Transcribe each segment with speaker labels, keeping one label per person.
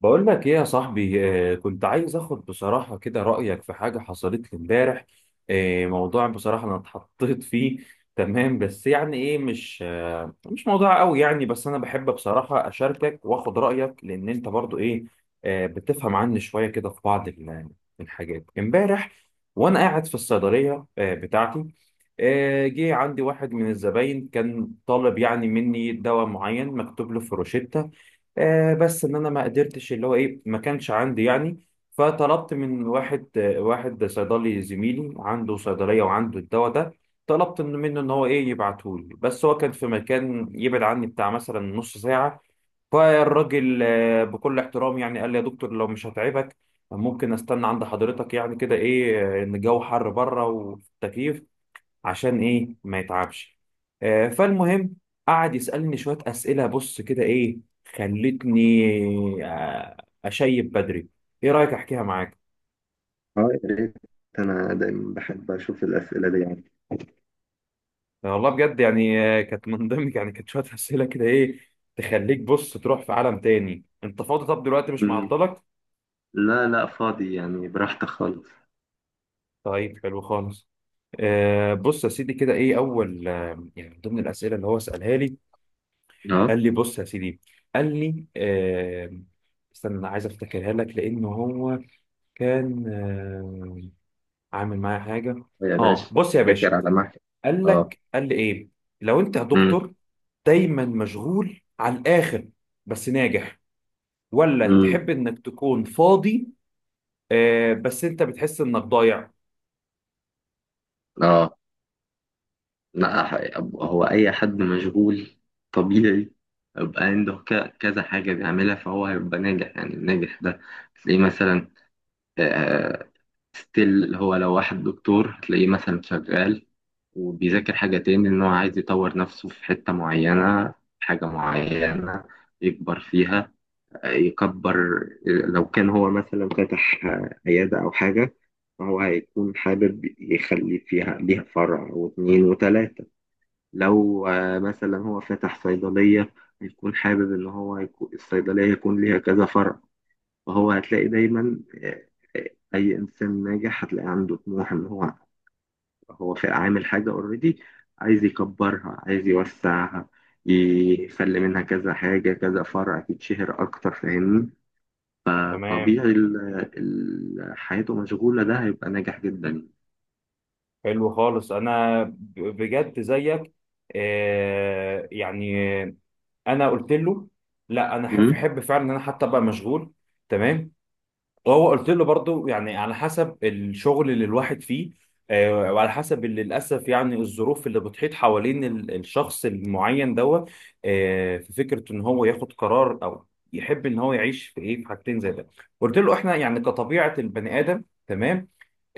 Speaker 1: بقول لك ايه يا صاحبي؟ كنت عايز اخد بصراحة كده رأيك في حاجة حصلت لي امبارح. موضوع بصراحة انا اتحطيت فيه. تمام، بس يعني ايه، مش موضوع قوي يعني، بس انا بحب بصراحة اشاركك واخد رأيك لان انت برضو ايه، بتفهم عني شوية كده في بعض الحاجات. امبارح وانا قاعد في الصيدلية بتاعتي، جه عندي واحد من الزباين كان طالب يعني مني دواء معين مكتوب له في روشتة. بس ان انا ما قدرتش، اللي هو ايه، ما كانش عندي يعني. فطلبت من واحد، واحد صيدلي زميلي عنده صيدليه وعنده الدواء ده. طلبت منه ان هو ايه يبعته لي، بس هو كان في مكان يبعد عني بتاع مثلا نص ساعه. فالراجل بكل احترام يعني قال لي يا دكتور لو مش هتعبك ممكن استنى عند حضرتك يعني كده ايه، ان الجو حر بره والتكييف عشان ايه ما يتعبش. فالمهم، قعد يسألني شوية أسئلة، بص كده ايه، خلتني آه أشيب بدري. ايه رأيك احكيها معاك؟
Speaker 2: اه، يا ريت. انا دايما بحب اشوف الاسئله دي يعني.
Speaker 1: والله بجد يعني كانت من ضمن يعني كانت شوية أسئلة كده ايه تخليك بص تروح في عالم تاني. انت فاضي؟ طب دلوقتي مش
Speaker 2: مم.
Speaker 1: معطلك؟
Speaker 2: لا لا فاضي يعني، براحتك خالص.
Speaker 1: طيب حلو خالص. بص يا سيدي كده ايه، اول يعني من ضمن الأسئلة اللي هو سألها لي،
Speaker 2: اه
Speaker 1: قال لي بص يا سيدي، قال لي استنى انا عايز افتكرها لك، لان هو كان عامل معايا حاجة.
Speaker 2: يا
Speaker 1: اه
Speaker 2: باشا.
Speaker 1: بص يا
Speaker 2: فاكر
Speaker 1: باشا،
Speaker 2: على محل.
Speaker 1: قال
Speaker 2: اه.
Speaker 1: لك قال لي ايه: لو انت يا
Speaker 2: مم.
Speaker 1: دكتور دايما مشغول على الاخر بس ناجح، ولا
Speaker 2: مم.
Speaker 1: تحب انك تكون فاضي بس انت بتحس انك ضايع؟
Speaker 2: اه. لا، هو اي حد مشغول طبيعي يبقى عنده كذا حاجة بيعملها، فهو هيبقى ناجح. يعني الناجح ده تلاقيه مثلا ستيل، هو لو واحد دكتور هتلاقيه مثلا شغال وبيذاكر حاجة تاني، إن هو عايز يطور نفسه في حتة معينة، حاجة معينة يكبر فيها. يكبر لو كان هو مثلا فتح عيادة أو حاجة، فهو هيكون حابب يخلي فيها ليها فرع واتنين وتلاتة. لو مثلا هو فتح صيدلية، هيكون حابب إن هو يكون الصيدلية يكون ليها كذا فرع. فهو هتلاقي دايما آه، أي إنسان ناجح هتلاقي عنده طموح، إن هو هو في عامل حاجة اوريدي، عايز يكبرها، عايز يوسعها، يخلي منها كذا حاجة كذا فرع تتشهر أكتر. فاهمني؟
Speaker 1: تمام.
Speaker 2: طبيعي، حياته مشغولة، ده هيبقى ناجح جدا.
Speaker 1: حلو خالص، انا بجد زيك يعني. انا قلت له لا، انا احب
Speaker 2: مم.
Speaker 1: احب فعلا ان انا حتى ابقى مشغول. تمام. هو قلت له برضو يعني على حسب الشغل اللي الواحد فيه، وعلى حسب اللي للاسف يعني الظروف اللي بتحيط حوالين الشخص المعين دوت، في فكره ان هو ياخد قرار، او يحب ان هو يعيش في ايه، في حاجتين زي ده. قلت له احنا يعني كطبيعه البني ادم، تمام،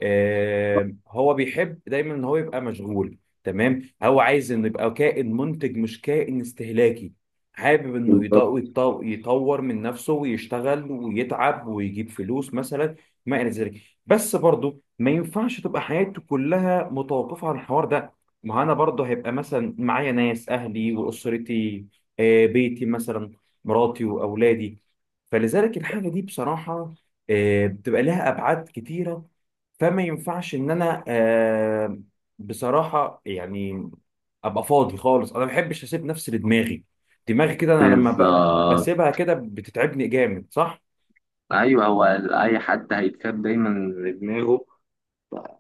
Speaker 1: هو بيحب دايما ان هو يبقى مشغول. تمام، هو عايز انه يبقى كائن منتج مش كائن استهلاكي، حابب انه
Speaker 2: بالظبط.
Speaker 1: يطور من نفسه ويشتغل ويتعب ويجيب فلوس مثلا ما الى ذلك. بس برضه ما ينفعش تبقى حياته كلها متوقفه عن الحوار ده، ما هو انا برضه هيبقى مثلا معايا ناس اهلي واسرتي، بيتي مثلا، مراتي واولادي. فلذلك الحاجه دي بصراحه بتبقى لها ابعاد كتيره. فما ينفعش ان انا بصراحه يعني ابقى فاضي خالص. انا ما بحبش اسيب نفسي لدماغي، دماغي كده انا لما
Speaker 2: بالظبط،
Speaker 1: بسيبها كده بتتعبني جامد، صح؟
Speaker 2: أيوه. هو أي حد هيتكب دايما لدماغه،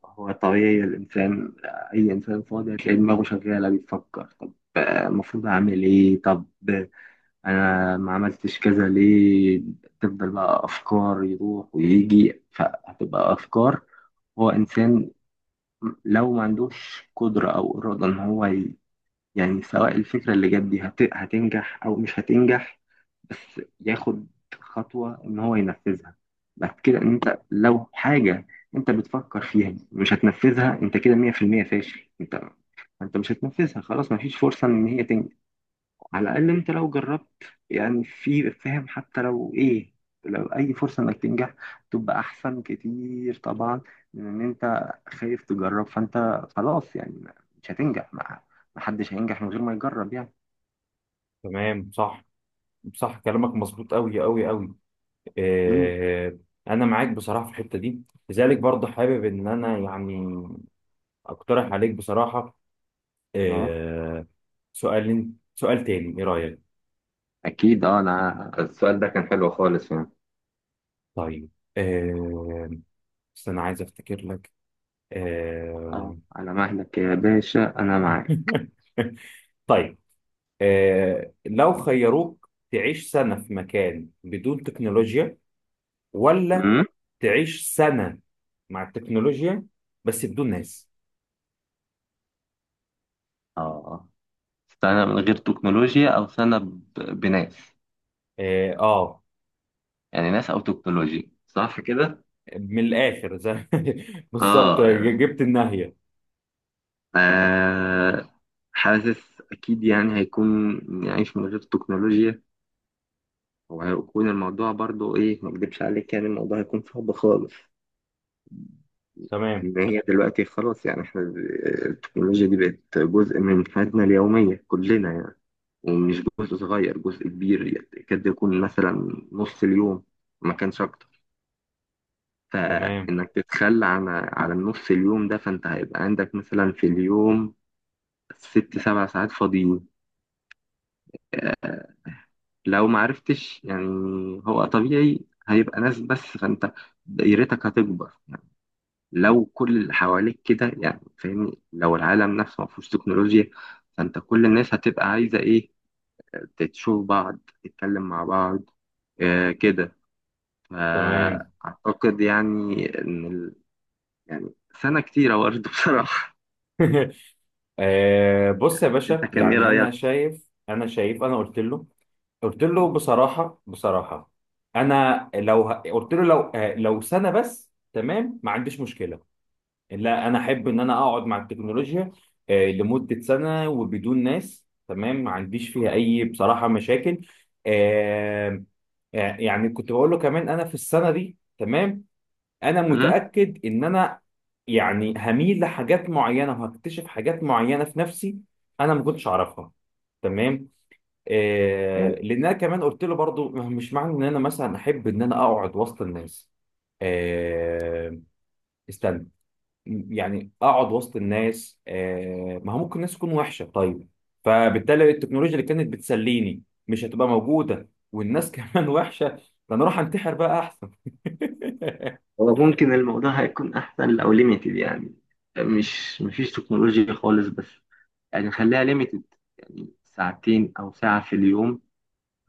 Speaker 2: هو طبيعي الإنسان، أي إنسان فاضي هتلاقي دماغه شغالة بيفكر، طب المفروض أعمل إيه؟ طب انا ما عملتش كذا ليه؟ تفضل بقى افكار يروح ويجي، فهتبقى افكار. هو انسان لو ما عندوش قدرة او ارادة ان هو يعني سواء الفكرة اللي جت دي هتنجح او مش هتنجح، بس ياخد خطوة ان هو ينفذها. بعد كده، ان انت لو حاجة انت بتفكر فيها مش هتنفذها، انت كده 100% فاشل. انت انت مش هتنفذها خلاص، مفيش فرصة ان هي تنجح. على الأقل أنت لو جربت، يعني في فاهم، حتى لو إيه، لو أي فرصة إنك تنجح تبقى أحسن كتير طبعا من إن أنت خايف تجرب. فأنت خلاص يعني مش هتنجح، ما ما حدش هينجح من غير ما يجرب يعني.
Speaker 1: تمام. صح، صح، كلامك مظبوط قوي قوي قوي.
Speaker 2: مم.
Speaker 1: آه انا معاك بصراحه في الحته دي. لذلك برضه حابب ان انا يعني اقترح عليك بصراحه
Speaker 2: أه.
Speaker 1: آه سؤال سؤال تاني، ايه رايك؟
Speaker 2: أكيد أه، أنا السؤال ده كان حلو خالص يعني.
Speaker 1: طيب. آه بس انا عايز افتكر لك. آه
Speaker 2: أه على مهلك يا باشا، أنا معاك.
Speaker 1: طيب. لو خيروك تعيش سنة في مكان بدون تكنولوجيا، ولا
Speaker 2: امم.
Speaker 1: تعيش سنة مع التكنولوجيا بس بدون ناس؟
Speaker 2: أه، سنة من غير تكنولوجيا أو سنة بناس؟
Speaker 1: اه, آه.
Speaker 2: يعني ناس أو تكنولوجيا، صح كده؟
Speaker 1: من الآخر زي بالظبط،
Speaker 2: اه.
Speaker 1: جبت النهاية.
Speaker 2: آه. حاسس أكيد يعني هيكون نعيش من غير تكنولوجيا، وهيكون الموضوع برضو إيه، ما أكدبش عليك يعني الموضوع هيكون صعب خالص.
Speaker 1: تمام،
Speaker 2: إن هي دلوقتي خلاص، يعني إحنا التكنولوجيا دي بقت جزء من حياتنا اليومية كلنا يعني، ومش جزء صغير، جزء كبير، يكاد يكون مثلا نص اليوم ما كانش أكتر.
Speaker 1: تمام،
Speaker 2: فإنك تتخلى عن على النص اليوم ده، فأنت هيبقى عندك مثلا في اليوم ست سبع ساعات فاضيين لو ما عرفتش يعني. هو طبيعي، هيبقى ناس بس، فانت دايرتك هتكبر يعني لو كل اللي حواليك كده، يعني فاهمني، لو العالم نفسه ما فيهوش تكنولوجيا، فانت كل الناس هتبقى عايزة ايه، تشوف بعض تتكلم مع بعض، آه كده.
Speaker 1: تمام.
Speaker 2: فأعتقد يعني ان يعني سنة كتيرة برضه بصراحة.
Speaker 1: بص يا
Speaker 2: انت
Speaker 1: باشا،
Speaker 2: كان ايه
Speaker 1: يعني أنا
Speaker 2: رأيك؟
Speaker 1: شايف، أنا قلت له، قلت له
Speaker 2: م؟
Speaker 1: بصراحة بصراحة أنا لو قلت له لو لو سنة بس، تمام، ما عنديش مشكلة. لا انا احب ان انا اقعد مع التكنولوجيا لمده سنه وبدون ناس، تمام، ما عنديش فيها اي بصراحه مشاكل. آه، يعني كنت بقول له كمان انا في السنه دي، تمام، انا
Speaker 2: م؟
Speaker 1: متاكد ان انا يعني هميل لحاجات معينه وهكتشف حاجات معينه في نفسي انا ما كنتش اعرفها. تمام.
Speaker 2: يعني
Speaker 1: لان انا كمان قلت له برضو مش معنى ان انا مثلا احب ان انا اقعد وسط الناس، آه، استنى، يعني اقعد وسط الناس ما هو ممكن الناس تكون وحشه، طيب، فبالتالي التكنولوجيا اللي كانت بتسليني مش هتبقى موجوده، والناس كمان وحشه، ده انا اروح انتحر بقى احسن.
Speaker 2: هو ممكن الموضوع هيكون احسن لو ليميتد، يعني مش مفيش تكنولوجيا خالص، بس يعني خليها ليميتد، يعني ساعتين أو ساعة في اليوم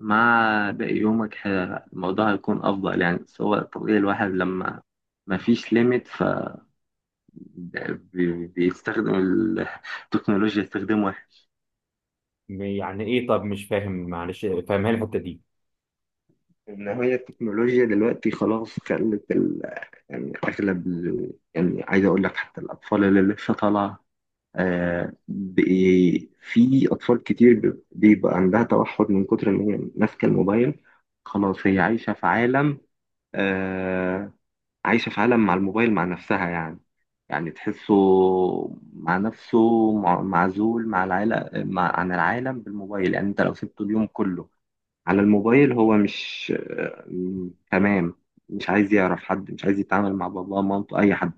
Speaker 2: مع باقي يومك الموضوع هيكون أفضل يعني. بس هو طبيعي الواحد لما ما فيش ليميت ف بيستخدم التكنولوجيا استخدام واحد.
Speaker 1: يعني ايه؟ طب مش فاهم، معلش فاهمها لي الحته دي.
Speaker 2: إن هي التكنولوجيا دلوقتي خلاص خلت يعني أغلب يعني عايز أقول لك حتى الأطفال اللي لسه طالعة، في أطفال كتير بيبقى عندها توحد من كتر إن هي ماسكة الموبايل. خلاص هي عايشة في عالم، آه، عايشة في عالم مع الموبايل مع نفسها يعني، يعني تحسه مع نفسه، معزول مع العالم، مع عن العالم بالموبايل. يعني أنت لو سبته اليوم كله على الموبايل، هو مش تمام، مش عايز يعرف حد، مش عايز يتعامل مع باباه مامته أي حد.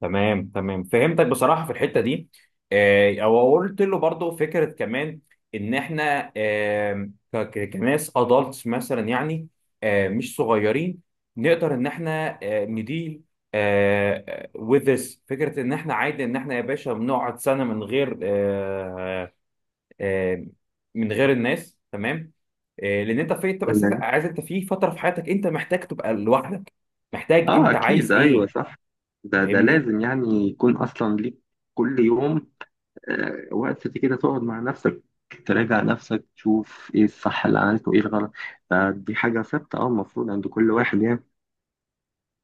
Speaker 1: تمام تمام، فهمتك بصراحة في الحتة دي. او قلت له برضو فكرة كمان، ان احنا كناس ادلتس مثلا يعني مش صغيرين، نقدر ان احنا نديل with this فكرة، ان احنا عادي ان احنا يا باشا بنقعد سنة من غير آه، من غير الناس. تمام لان انت في تبقى اساسا عايز، انت في فترة في حياتك انت محتاج تبقى لوحدك، محتاج،
Speaker 2: اه
Speaker 1: انت عايز
Speaker 2: اكيد، ايوه
Speaker 1: ايه،
Speaker 2: صح. ده ده
Speaker 1: فاهمني؟
Speaker 2: لازم يعني يكون اصلا ليك كل يوم وقت كده تقعد مع نفسك، تراجع نفسك، تشوف ايه الصح اللي عملته وايه الغلط. ده دي حاجة ثابتة اه، المفروض عند كل واحد يعني.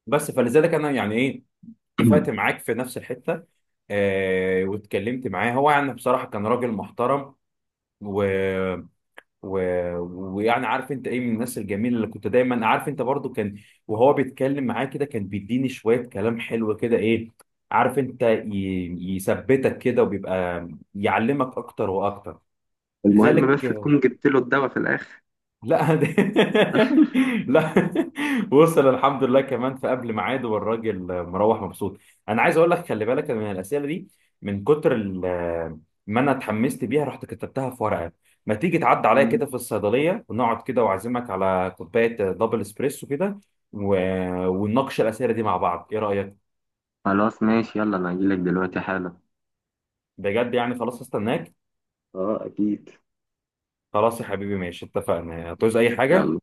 Speaker 1: بس فلذلك انا يعني ايه اتفقت معاك في نفس الحته. واتكلمت معاه هو، يعني بصراحه كان راجل محترم، و... و... ويعني عارف انت ايه، من الناس الجميله اللي كنت دايما عارف انت برضو كان، وهو بيتكلم معاه كده كان بيديني شويه كلام حلو كده ايه، عارف انت يثبتك كده وبيبقى يعلمك اكتر واكتر.
Speaker 2: المهم بس
Speaker 1: لذلك،
Speaker 2: تكون جبت له الدواء في الاخر.
Speaker 1: لا لا وصل الحمد لله كمان في قبل ميعاده، والراجل مروح مبسوط. انا عايز اقول لك خلي بالك من الاسئله دي، من كتر ما انا اتحمست بيها رحت كتبتها في ورقه. ما تيجي تعدي عليا
Speaker 2: مم.
Speaker 1: كده في الصيدليه ونقعد كده، واعزمك على كوبايه دبل اسبريسو كده و... ونناقش الاسئله دي مع بعض، ايه رايك؟
Speaker 2: خلاص ماشي، يلا انا هجيلك دلوقتي حالا.
Speaker 1: بجد يعني خلاص استناك.
Speaker 2: اه اكيد.
Speaker 1: خلاص يا حبيبي ماشي اتفقنا، هتعوز اي حاجه.
Speaker 2: يلا،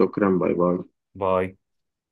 Speaker 2: شكرا، باي باي.
Speaker 1: باي.